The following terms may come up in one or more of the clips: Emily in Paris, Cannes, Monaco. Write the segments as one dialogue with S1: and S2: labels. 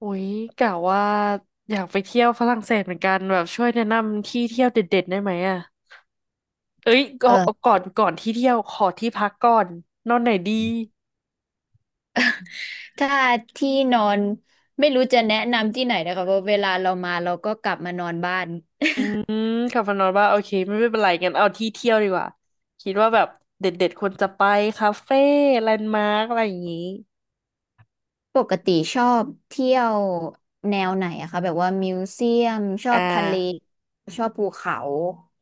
S1: อุ๊ยกะว่าอยากไปเที่ยวฝรั่งเศสเหมือนกันแบบช่วยแนะนำที่เที่ยวเด็ดๆได้ไหมอ่ะเอ้ย
S2: เออ
S1: ก่อนที่เที่ยวขอที่พักก่อนนอนไหนดี
S2: ถ้าที่นอนไม่รู้จะแนะนำที่ไหนนะคะเพราะเวลาเรามาเราก็กลับมานอนบ้าน
S1: อืมกลับมานอนว่าโอเคไม่เป็นไรงั้นเอาที่เที่ยวดีกว่าคิดว่าแบบเด็ดๆควรจะไปคาเฟ่แลนด์มาร์กอะไรอย่างนี้
S2: ปกติชอบเที่ยวแนวไหนอะคะแบบว่ามิวเซียมชอ
S1: อ่
S2: บทะเล
S1: า
S2: ชอบภูเขา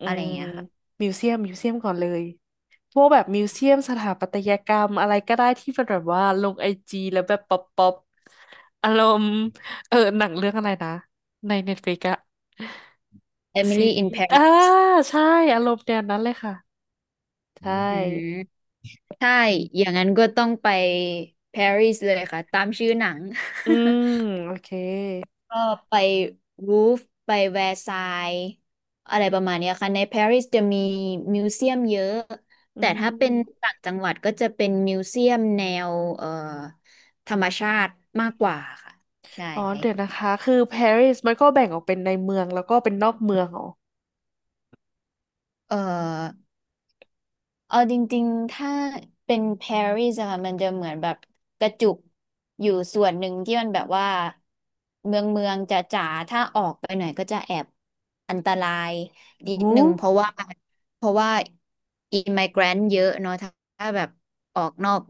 S1: อื
S2: อะไรอ
S1: ม
S2: ย่างเงี้ยค่ะ
S1: มิวเซียมก่อนเลย พวกแบบมิวเซียมสถาปัตยกรรมอะไรก็ได้ที่เป็นแบบว่าลงไอจีแล้วแบบป๊อปป๊อปอารมณ์เออหนังเรื่องอะไรนะในเน็ตฟลิกอะซี
S2: Emily in
S1: รีส์อ่า
S2: Paris
S1: ใช่อารมณ์แนวนั้นเลยค่ะใช
S2: อืม
S1: ่
S2: ใช่อย่างนั้นก็ต้องไปปารีสเลยค่ะตามชื่อหนัง
S1: อืมโอเค
S2: ก็ไปรูฟไปแวร์ซายน์อะไรประมาณเนี้ยค่ะในปารีสจะมีมิวเซียมเยอะ
S1: อื
S2: แต่ถ้าเป็น
S1: ม
S2: ต่างจังหวัดก็จะเป็นมิวเซียมแนวธรรมชาติมากกว่าค่ะใช่
S1: อ๋อเดี๋ยวนะคะคือปารีสมันก็แบ่งออกเป็นในเมืองแล้วก็เป็นนอกเมืองเหรอ
S2: เอ่อ เอาจริงๆ ถ้าเป็นปารีสอะค่ะมันจะเหมือนแบบกระจุกอยู่ส่วนหนึ่งที่มันแบบว่าเมืองเมืองจ๋าจ๋าถ้าออกไปหน่อยก็จะแอบอันตรายนิด
S1: โอ้
S2: หนึ่งเพราะว่าอิม g ก a รนต์เยอะเนาะถ้าแบบออกนอก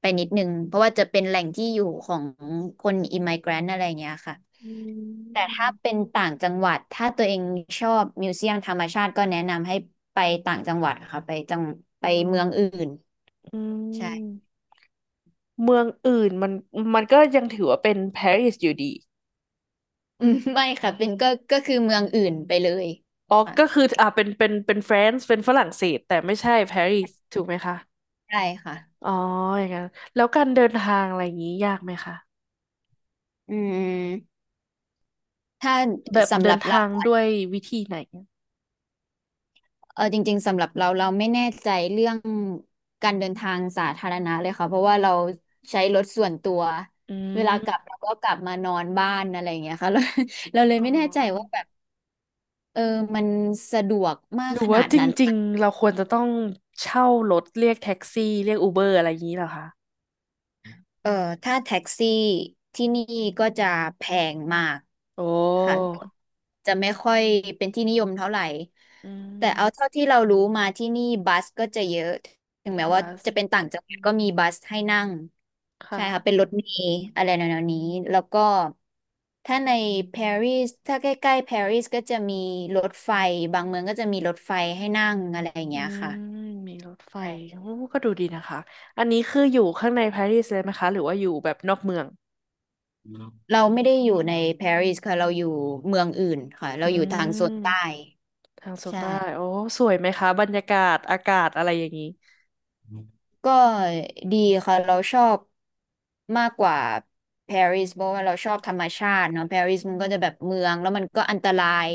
S2: ไปนิดหนึ่งเพราะว่าจะเป็นแหล่งที่อยู่ของคนอิม g ก a รนต์อะไรอย่างเงี้ยค่ะ
S1: อื
S2: แต่ถ้า
S1: ม
S2: เป็นต่างจังหวัดถ้าตัวเองชอบมิวเซียมธรรมชาติก็แนะนำให้ไปต่างจังหวัดค่ะไปจังไปเมืองอื่น
S1: อื
S2: ใช่
S1: มเมืองอื่นมันก็ยังถือว่าเป็นปารีสอยู่ดี
S2: อืมไม่ค่ะเป็นก็คือเมืองอื่นไปเลย
S1: อ๋อ
S2: ค่ะ
S1: ก็คืออ่ะเป็นแฟรนซ์เป็นฝรั่งเศสแต่ไม่ใช่ปารีสถูกไหมคะ
S2: ใช่ค่ะ
S1: อ๋ออย่างนั้นแล้วการเดินทางอะไรอย่างนี้ยากไหมคะ
S2: อืมถ้า
S1: แบบ
S2: สำห
S1: เดิ
S2: รั
S1: น
S2: บเรา
S1: ทางด้วยวิธีไหน
S2: เออจริงๆสำหรับเราเราไม่แน่ใจเรื่องการเดินทางสาธารณะเลยค่ะเพราะว่าเราใช้รถส่วนตัว
S1: อื
S2: เวลากลั
S1: ม
S2: บเราก็กลับมานอนบ้านอะไรอย่างเงี้ยค่ะ เราเลย
S1: อ๋
S2: ไม่แน่ใจว่า
S1: อ
S2: แบบ เออมันสะดวกมา
S1: ห
S2: ก
S1: รือ
S2: ข
S1: ว่า
S2: นาด
S1: จ
S2: นั้น
S1: ริงๆ เราควรจะต้องเช่ารถเรียกแท็กซี่เรียกอูเบอร์อะไรอย่างนี้เหรอคะ
S2: เออถ้าแท็กซี่ที่นี่ก็จะแพงมาก
S1: โอ้
S2: ค่ะจะไม่ค่อยเป็นที่นิยมเท่าไหร่
S1: อื
S2: แต่เอาเท่า
S1: ม
S2: ที่เรารู้มาที่นี่บัสก็จะเยอะถึงแม้ว่า
S1: บัส
S2: จะเป็นต่างจังห
S1: อื
S2: วัด
S1: ม
S2: ก็มีบัสให้นั่ง
S1: ค
S2: ใช่ค่ะเป็น
S1: ่ะ
S2: รถเมล์อะไรแนวๆนี้แล้วก็ถ้าในปารีสถ้าใกล้ๆปารีสก็จะมีรถไฟบางเมืองก็จะมีรถไฟให้นั่งอะไรอย่าง
S1: อื
S2: เงี้ยค่ะ
S1: มมีรถไฟโอ้ก็ดูดีนะคะ อันนี้คืออยู่ข้างในปารีสเลยไหมคะหรือว่าอยู่แบบนอกเมือง
S2: เราไม่ได้อยู่ในปารีสค่ะเราอยู่เมืองอื่นค่ะ
S1: อื
S2: เราอยู่
S1: ม
S2: ทางโซนใต้
S1: ทางโซนใต้
S2: ใช่
S1: โอ้ สวยไหมคะ บรรยากาศ อากาศอะไรอย่างนี้
S2: ก็ดีค่ะเราชอบมากกว่าปารีสเพราะว่าเราชอบธรรมชาติเนาะปารีสมันก็จะแบบเมืองแล้วมันก็อันตราย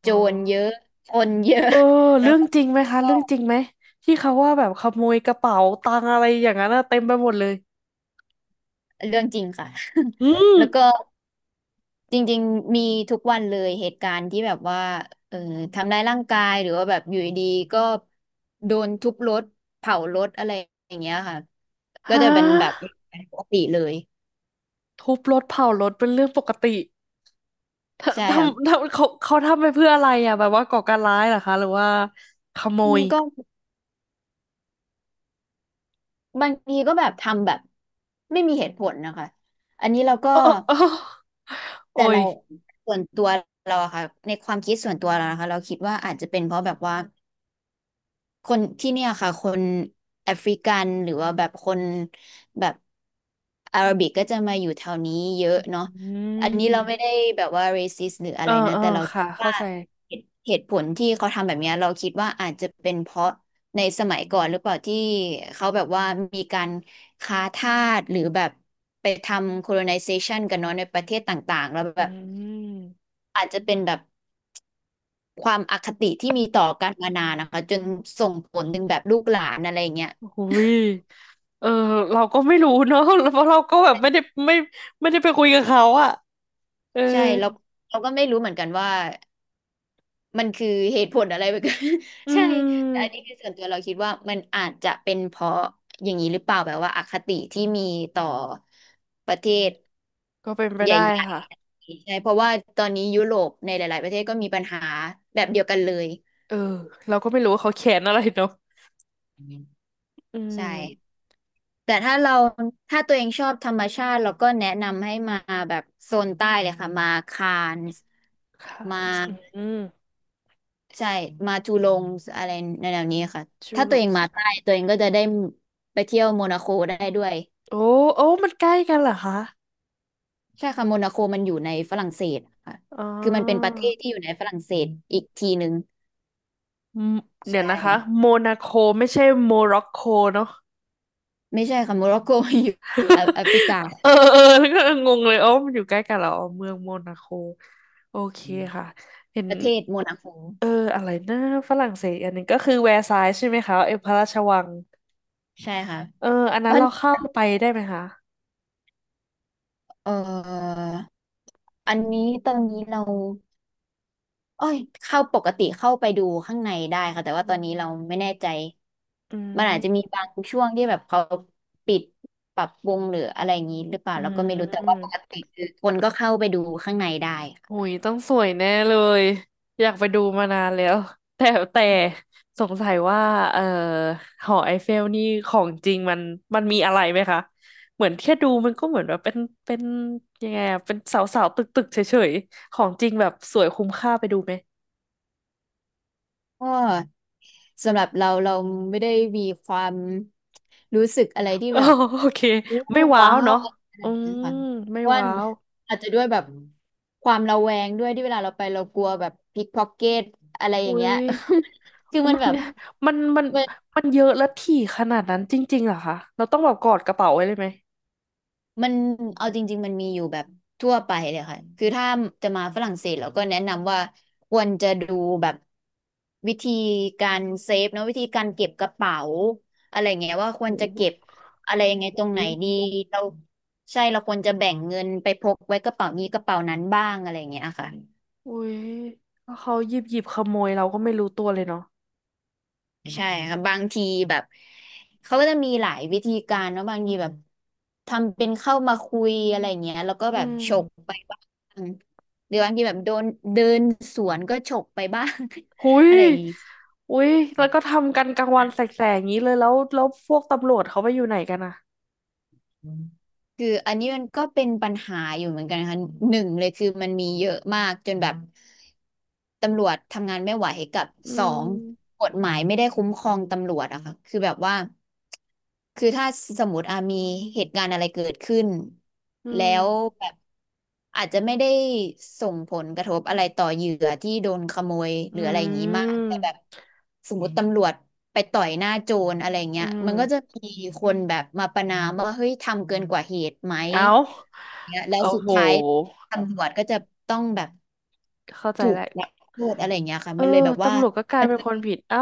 S2: โจ
S1: อ๋อ
S2: รเยอะคนเยอะ
S1: เออ
S2: แล้
S1: เรื่
S2: ว
S1: อง
S2: ก็
S1: จริงไหมคะ เรื่องจริงไหมที่เขาว่าแบบขโมยกระเป๋าตังอะไรอย่างนั้นอะเต็มไปหมดเลย
S2: เรื่องจริงค่ะ
S1: อื ม
S2: แล้วก็ จริงๆมีทุกวันเลยเหตุการณ์ที่แบบว่าเออทำร้ายร่างกายหรือว่าแบบอยู่ดีๆก็โดนทุบรถเผารถอะไรอย่างเงี้ยค่ะ
S1: ฮ
S2: ก็จะเป็นแบบ
S1: ะ
S2: ปกติเลย
S1: ทุบรถเผารถเป็นเรื่องปกติเธอ
S2: ใช่
S1: ท
S2: ครับ
S1: ำทำเขาทำไปเพื่ออะไรอะแบบว่าก่อการร้ายเหรอคะหรือว่าขโม
S2: อืม
S1: ย
S2: ก็บางทีก็แบบทำแบบไม่มีเหตุผลนะคะอันนี้เราก็
S1: เออเออโอ้
S2: แต่
S1: ย
S2: เราส่วนตัวเราอะค่ะในความคิดส่วนตัวเรานะคะเราคิดว่าอาจจะเป็นเพราะแบบว่า คนที่เนี่ยค่ะคนแอฟริกันหรือว่าแบบคนแบบอาหรับิกก็จะมาอยู่แถวนี้เยอะเนาะ
S1: อื
S2: อันนี้เราไม่ได้
S1: ม
S2: แบบว่าเรซิสหรืออะ
S1: เออ
S2: ไรนะ
S1: เออ
S2: แต่เรา
S1: ค่ะ
S2: คิด
S1: เข้า
S2: ว่า
S1: ใจ
S2: เหตุผลที่เขาทำแบบเนี้ยเราคิดว่าอาจจะเป็นเพราะในสมัยก่อนหรือเปล่าที่เขาแบบว่ามีการค้าทาสหรือแบบไปทำ colonization กันเนาะในประเทศต่างๆแล้ว
S1: อื
S2: แบบ
S1: ม
S2: อาจจะเป็นแบบ ความอคติที่มีต่อกันมานานนะคะจนส่งผลถึงแบบลูกหลานอะไรอย่างเงี้ย
S1: อุ้ยเออเราก็ไม่รู้เนอะ เพราะเราก็แบบไม่ได้ไม่ไม่ได้ไปคุยกับเขาอะเออ
S2: ใช่แล้วเราก็ไม่รู้เหมือนกันว่ามันคือเหตุผลอะไรแบบ
S1: อื
S2: ใช่แต่อันนี้
S1: ม
S2: คือส่วนตัวเราคิดว่ามันอาจจะเป็นเพราะอย่างนี้หรือเปล่าแบบว่าอคติที่มีต่อประเทศ
S1: ก็เป็นไป
S2: ใหญ
S1: ได้
S2: ่
S1: ค่ะ
S2: ๆใช่เพราะว่าตอนนี้ยุโรปในหลายๆประเทศก็มีปัญหาแบบเดียวกันเลย
S1: เออเราก็ไม่รู้ว่าเขาแขนอะไรเนาะอื
S2: ใช่
S1: ม
S2: แต่ถ้าตัวเองชอบธรรมชาติเราก็แนะนำให้มาแบบโซนใต้เลยค่ะมาคานส์
S1: ค่ะ
S2: มา
S1: อืม
S2: ใช่มาจูลงอะไรในแนวนี้ค่ะ
S1: จู
S2: ถ้า
S1: โล
S2: ตัวเอ
S1: ป
S2: งมาใต้ตัวเองก็จะได้ไปเที่ยวโมนาโคได้ด้วย
S1: โอ้โอ้มันใกล้กันเหรอคะ
S2: ใช่ค่ะโมนาโคมันอยู่ในฝรั่งเศสค่ะ
S1: อ๋อ
S2: คือมันเป็นประเทศที่อยู่ในฝรั่งเศสอีกทีหนึ่ง
S1: มเดี๋ย
S2: ใช่
S1: วนะคะโมนาโคไม่ใช่โมร็อกโกเนาะ
S2: ไม่ใช่ค่ะโมร็อกโก อยู่อยู่แอแอฟริกา
S1: เออเออ แล้วก็งงเลยอ๋อมันอยู่ใกล้กันเหรออ๋อเมืองโมนาโคโอเคค่ะเห็น
S2: ประเทศโมนาโค
S1: เอออะไรนะฝรั่งเศสอันหนึงก็คือแวร์ซายน์ใช่ไหมคะเออพระราชวัง
S2: ใช่ค่ะ
S1: เอออัน
S2: เพ
S1: นั้น
S2: ราะ
S1: เราเข้าไปได้ไหมคะ
S2: เอ่ออันนี้ตอนนี้เรา เอ้ยเข้าปกติเข้าไปดูข้างในได้ค่ะแต่ว่าตอนนี้เราไม่แน่ใจ
S1: อื
S2: มันอาจจะมี
S1: ม
S2: บางช่วงที่แบบเขาปิดปรับปรุงหรืออะไรอย่างนี้หรือเปล่า
S1: อื
S2: เราก็ไม่รู้แต่ว่าปก
S1: ม
S2: ติคือคนก็เข้าไปดูข้างในได้
S1: หุ
S2: ค่ะ
S1: ยต้องสวยแน่เลยอยากไปดูมานานแล้วแต่แต่สงสัยว่าเอ่อหอไอเฟลนี่ของจริงมันมีอะไรไหมคะเหมือนแค่ดูมันก็เหมือนแบบเป็นเป็นยังไงอะเป็นเสาเสาตึกตึกๆเฉยๆของจริงแบบสวยคุ้มค่าไปดูไหม
S2: ก็สำหรับเราเราไม่ได้มีความรู้สึกอะไรที่
S1: อ๋อ
S2: แบบ
S1: โอเค
S2: โอ้
S1: ไม่ว้า
S2: ว้า
S1: ว
S2: ว
S1: เนาะ
S2: อะไรข
S1: อื
S2: นาดนั้น
S1: ม
S2: ค่ะ
S1: ไม่
S2: เพราะว่า
S1: ว้าว
S2: อาจจะด้วยแบบความระแวงด้วยที่เวลาเราไปเรากลัวแบบพิกพ็อกเก็ตอะไรอย่าง
S1: อุ้
S2: เงี้
S1: ย
S2: ย คือมัน
S1: มัน
S2: แบบ
S1: มันมัน
S2: มัน
S1: มันเยอะและถี่ขนาดนั้นจริงๆเหรอคะเราต้องแบบกอดกระเป๋าไว้เลยไหม
S2: มันเอาจริงๆมันมีอยู่แบบทั่วไปเลยค่ะคือถ้าจะมาฝรั่งเศสเราก็แนะนำว่าควรจะดูแบบวิธีการเซฟเนอะวิธีการเก็บกระเป๋าอะไรเงี้ยว่าคว
S1: โอ
S2: รจะเก็บ
S1: ้
S2: อะไรยังไง
S1: โ
S2: ตรงไหน
S1: ห
S2: ดีเราใช่เราควรจะแบ่งเงินไปพกไว้กระเป๋านี้กระเป๋านั้นบ้างอะไรเงี้ยค่ะ
S1: อุ้ยแล้วเขาหยิบขโมยเราก็ไม่รู้ตัวเลยเนาะ
S2: ใช่ครับบางทีแบบเขาก็จะมีหลายวิธีการเนอะบางทีแบบทำเป็นเข้ามาคุยอะไรเงี้ยแล้วก็แบ
S1: อื
S2: บ
S1: ม
S2: ฉกไปบ้างหรือบางทีแบบโดนเดินสวนก็ฉกไปบ้าง
S1: หุ ย
S2: อะไรอย่างงี้
S1: หุยแล้วก็ทำกันกลางวันแสกๆอย่างนี้เลยแล้วพวกตำรวจเขาไปอยู่ไหนกันอ่ะ
S2: คืออันนี้มันก็เป็นปัญหาอยู่เหมือนกันค่ะหนึ่งเลยคือมันมีเยอะมากจนแบบตำรวจทำงานไม่ไหวกับ
S1: อื
S2: สอง
S1: ม
S2: กฎหมายไม่ได้คุ้มครองตำรวจอะค่ะคือแบบว่า คือถ้าสมมติอามีเหตุการณ์อะไรเกิดขึ้น
S1: อื
S2: แล้ว
S1: ม
S2: แบบอาจจะไม่ได้ส่งผลกระทบอะไรต่อเหยื่อที่โดนขโมย
S1: อื
S2: หรืออะไรอย่างนี้มากแต่แบบ
S1: ม
S2: สมมติตำรวจไปต่อยหน้าโจรอะไรเงี้
S1: อื
S2: ยมันก็จะ
S1: ม
S2: มีคนแบบมาประณามว่าเฮ้ยทำเกินกว่าเหตุไหม
S1: เอา
S2: เนี่ยแล้ว
S1: โอ้
S2: สุด
S1: โห
S2: ท้ายตำรวจก็จะต้องแบบ
S1: เข้าใจ
S2: ถูก
S1: แล้ว
S2: รับโทษอะไรเงี้ยค่ะ
S1: เออ
S2: มันเลยแบบว่า
S1: ตำรวจก็กลายเป็นคนผิดเอ้า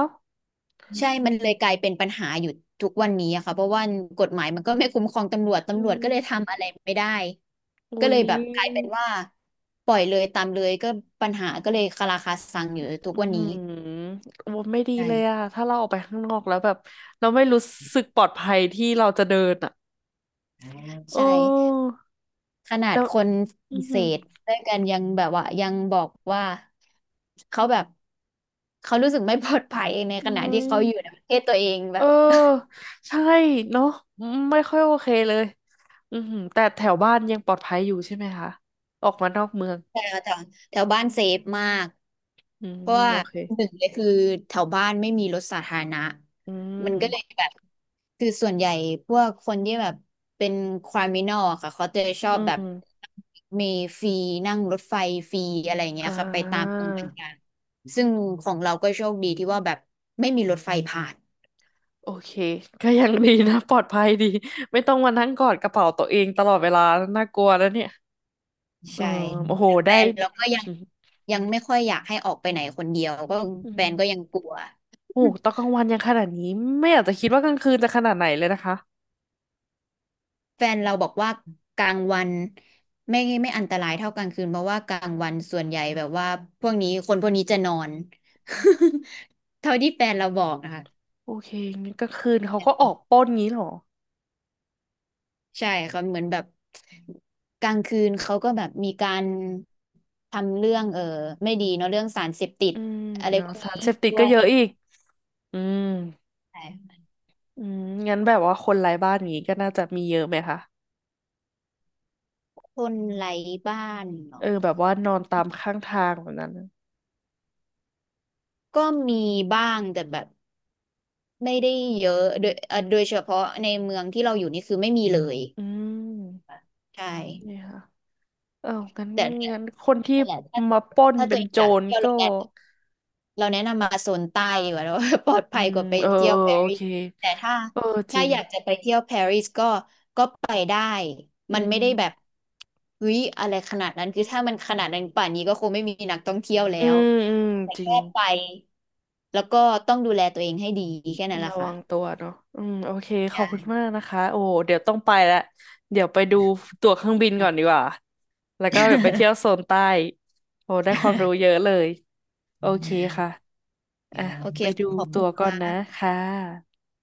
S2: ใช่มันเลยกลายเป็นปัญหาอยู่ทุกวันนี้อะค่ะเพราะว่ากฎหมายมันก็ไม่คุ้มครองตำรวจ
S1: อื
S2: ตำรวจ
S1: ม
S2: ก็เลยทำอะไรไม่ได้ก็
S1: อุย
S2: เลยแบบกลายเป็นว่าปล่อยเลยตามเลยก็ปัญหาก็เลยคาราคาซังอยู่ทุก
S1: อื
S2: วันนี้
S1: มว่าไม่ดีเลยอะ
S2: ใช่
S1: ถ้าเราออกไปข้างนอกแล้วแบบเราไม่รู้สึกปลอดภัยที่เราจะเดินอะ
S2: ใช่
S1: โอ้
S2: ขนา
S1: แล้
S2: ด
S1: ว
S2: คนฝ
S1: อื
S2: รั่ง
S1: อ
S2: เศ
S1: หือ
S2: สด้วยกันยังแบบว่ายังบอกว่าเขาแบบเขารู้สึกไม่ปลอดภัยในข
S1: ม
S2: ณะ
S1: เว้
S2: ที่เขา
S1: ย
S2: อยู่ในประเทศตัวเองแบ
S1: เอ
S2: บ
S1: อใช่เนาะไม่ค่อยโอเคเลยอือหือแต่แถวบ้านยังปลอดภัยอยู่ใช่ไหมคะออกมานอกเมือง
S2: แถวแถวแถวบ้านเซฟมาก
S1: อืม
S2: เพราะว่า
S1: โอเค
S2: หนึ่งเลยคือแถวบ้านไม่มีรถสาธารณะ
S1: อื
S2: มันก็เลย
S1: ม
S2: แบบคือส่วนใหญ่พวกคนที่แบบเป็นคริมินอลค่ะเขาจะชอ
S1: อื
S2: บแบบ
S1: ม
S2: มีฟรีนั่งรถไฟฟรีอะไรอย่างเงี้
S1: อ่
S2: ยค่ะไปตาม
S1: า
S2: ตมืงต่างๆซึ่งของเราก็โชคดีที่ว่าแบบไม่มีรถไฟผ่าน
S1: โอเคก็ยังดีนะปลอดภัยดีไม่ต้องมานั่งกอดกระเป๋าตัวเองตลอดเวลาน่ากลัวแล้วเนี่ยอื
S2: ใช่
S1: มโอ้โห
S2: แต่แฟ
S1: ได้
S2: นเราก็ยังยังไม่ค่อยอยากให้ออกไปไหนคนเดียวก็
S1: อื
S2: แฟ
S1: ม
S2: นก็ยังกลัว
S1: โอ้โหตอนกลางวันยังขนาดนี้ไม่อยากจะคิดว่ากลางคืนจะขนาดไหนเลยนะคะ
S2: แฟนเราบอกว่ากลางวันไม่อันตรายเท่ากลางคืนเพราะว่ากลางวันส่วนใหญ่แบบว่าพวกนี้คนพวกนี้จะนอน เท่าที่แฟนเราบอกนะคะ
S1: โอเคงั้นกลางคืนเขาก็ออกปล้นงี้เหรอ
S2: ใช่เขาเหมือนแบบกลางคืนเขาก็แบบมีการทำเรื่องไม่ดีเนาะเรื่องสารเสพติด
S1: อืม
S2: อะไร
S1: เนาะ
S2: พวก
S1: สา
S2: นี้
S1: รเสพติด
S2: ด้ว
S1: ก็
S2: ย
S1: เยอะอีกอืม
S2: ใช่
S1: อืมงั้นแบบว่าคนไร้บ้านงี้ก็น่าจะมีเยอะไหมคะ
S2: คนไร้บ้านเนาะ
S1: เออแบบว่านอนตามข้างทางแบบนั้นนะ
S2: ก็มีบ้างแต่แบบไม่ได้เยอะโดยโดยเฉพาะในเมืองที่เราอยู่นี่คือไม่มีเลย
S1: อืม
S2: ใช่
S1: นี่ค่ะเอองั้น
S2: แต่ถ้
S1: งั้นคน
S2: า
S1: ที่
S2: นั่นแหละถ้า
S1: มาปล้น
S2: ตั
S1: เป็
S2: ว
S1: น
S2: เอง
S1: โจ
S2: อยาก
S1: ร
S2: เที่ยว
S1: ก็
S2: เราแนะนำมาโซนใต้ดีกว่าเรา ปลอด
S1: อื
S2: ภัย
S1: ม
S2: กว่าไป
S1: เออ
S2: เที่ย
S1: เอ
S2: ว
S1: อ
S2: ปา
S1: โอ
S2: รี
S1: เค
S2: สแต่ถ้า
S1: เออจริง
S2: อยากจะไปเที่ยวปารีสก็ไปได้
S1: อื
S2: มันไม่ได้แบบ
S1: ม
S2: เฮ้ยอะไรขนาดนั้นคือถ้ามันขนาดนั้นป่านนี้ก็คงไม่มีนักท่องเที่ยวแล้
S1: อื
S2: ว
S1: มอืม
S2: แต่
S1: จริง
S2: แค่ไปแล้วก็ต้องดูแลตัวเองให้ดีแค่นั้นแหละ
S1: ระ
S2: ค่ะ
S1: วังตัวเนาะอืม โอเค ขอ
S2: ใช่
S1: บคุณมากนะคะ โอ้ เดี๋ยวต้องไปแล้ว เดี๋ยวไปดูตั๋วเครื่องบินก่อนดี
S2: ค่ะ
S1: กว่า แล้วก็เดี๋ยวไปเที่ยวโซนใต้ โอ้ ได้ความรู้เยอะเลย โอเคค่ะอ่ะ
S2: โอเค
S1: ไปดู
S2: ขอบคุ
S1: ตั๋ว
S2: ณค
S1: ก่อนนะ
S2: ่ะ
S1: คะ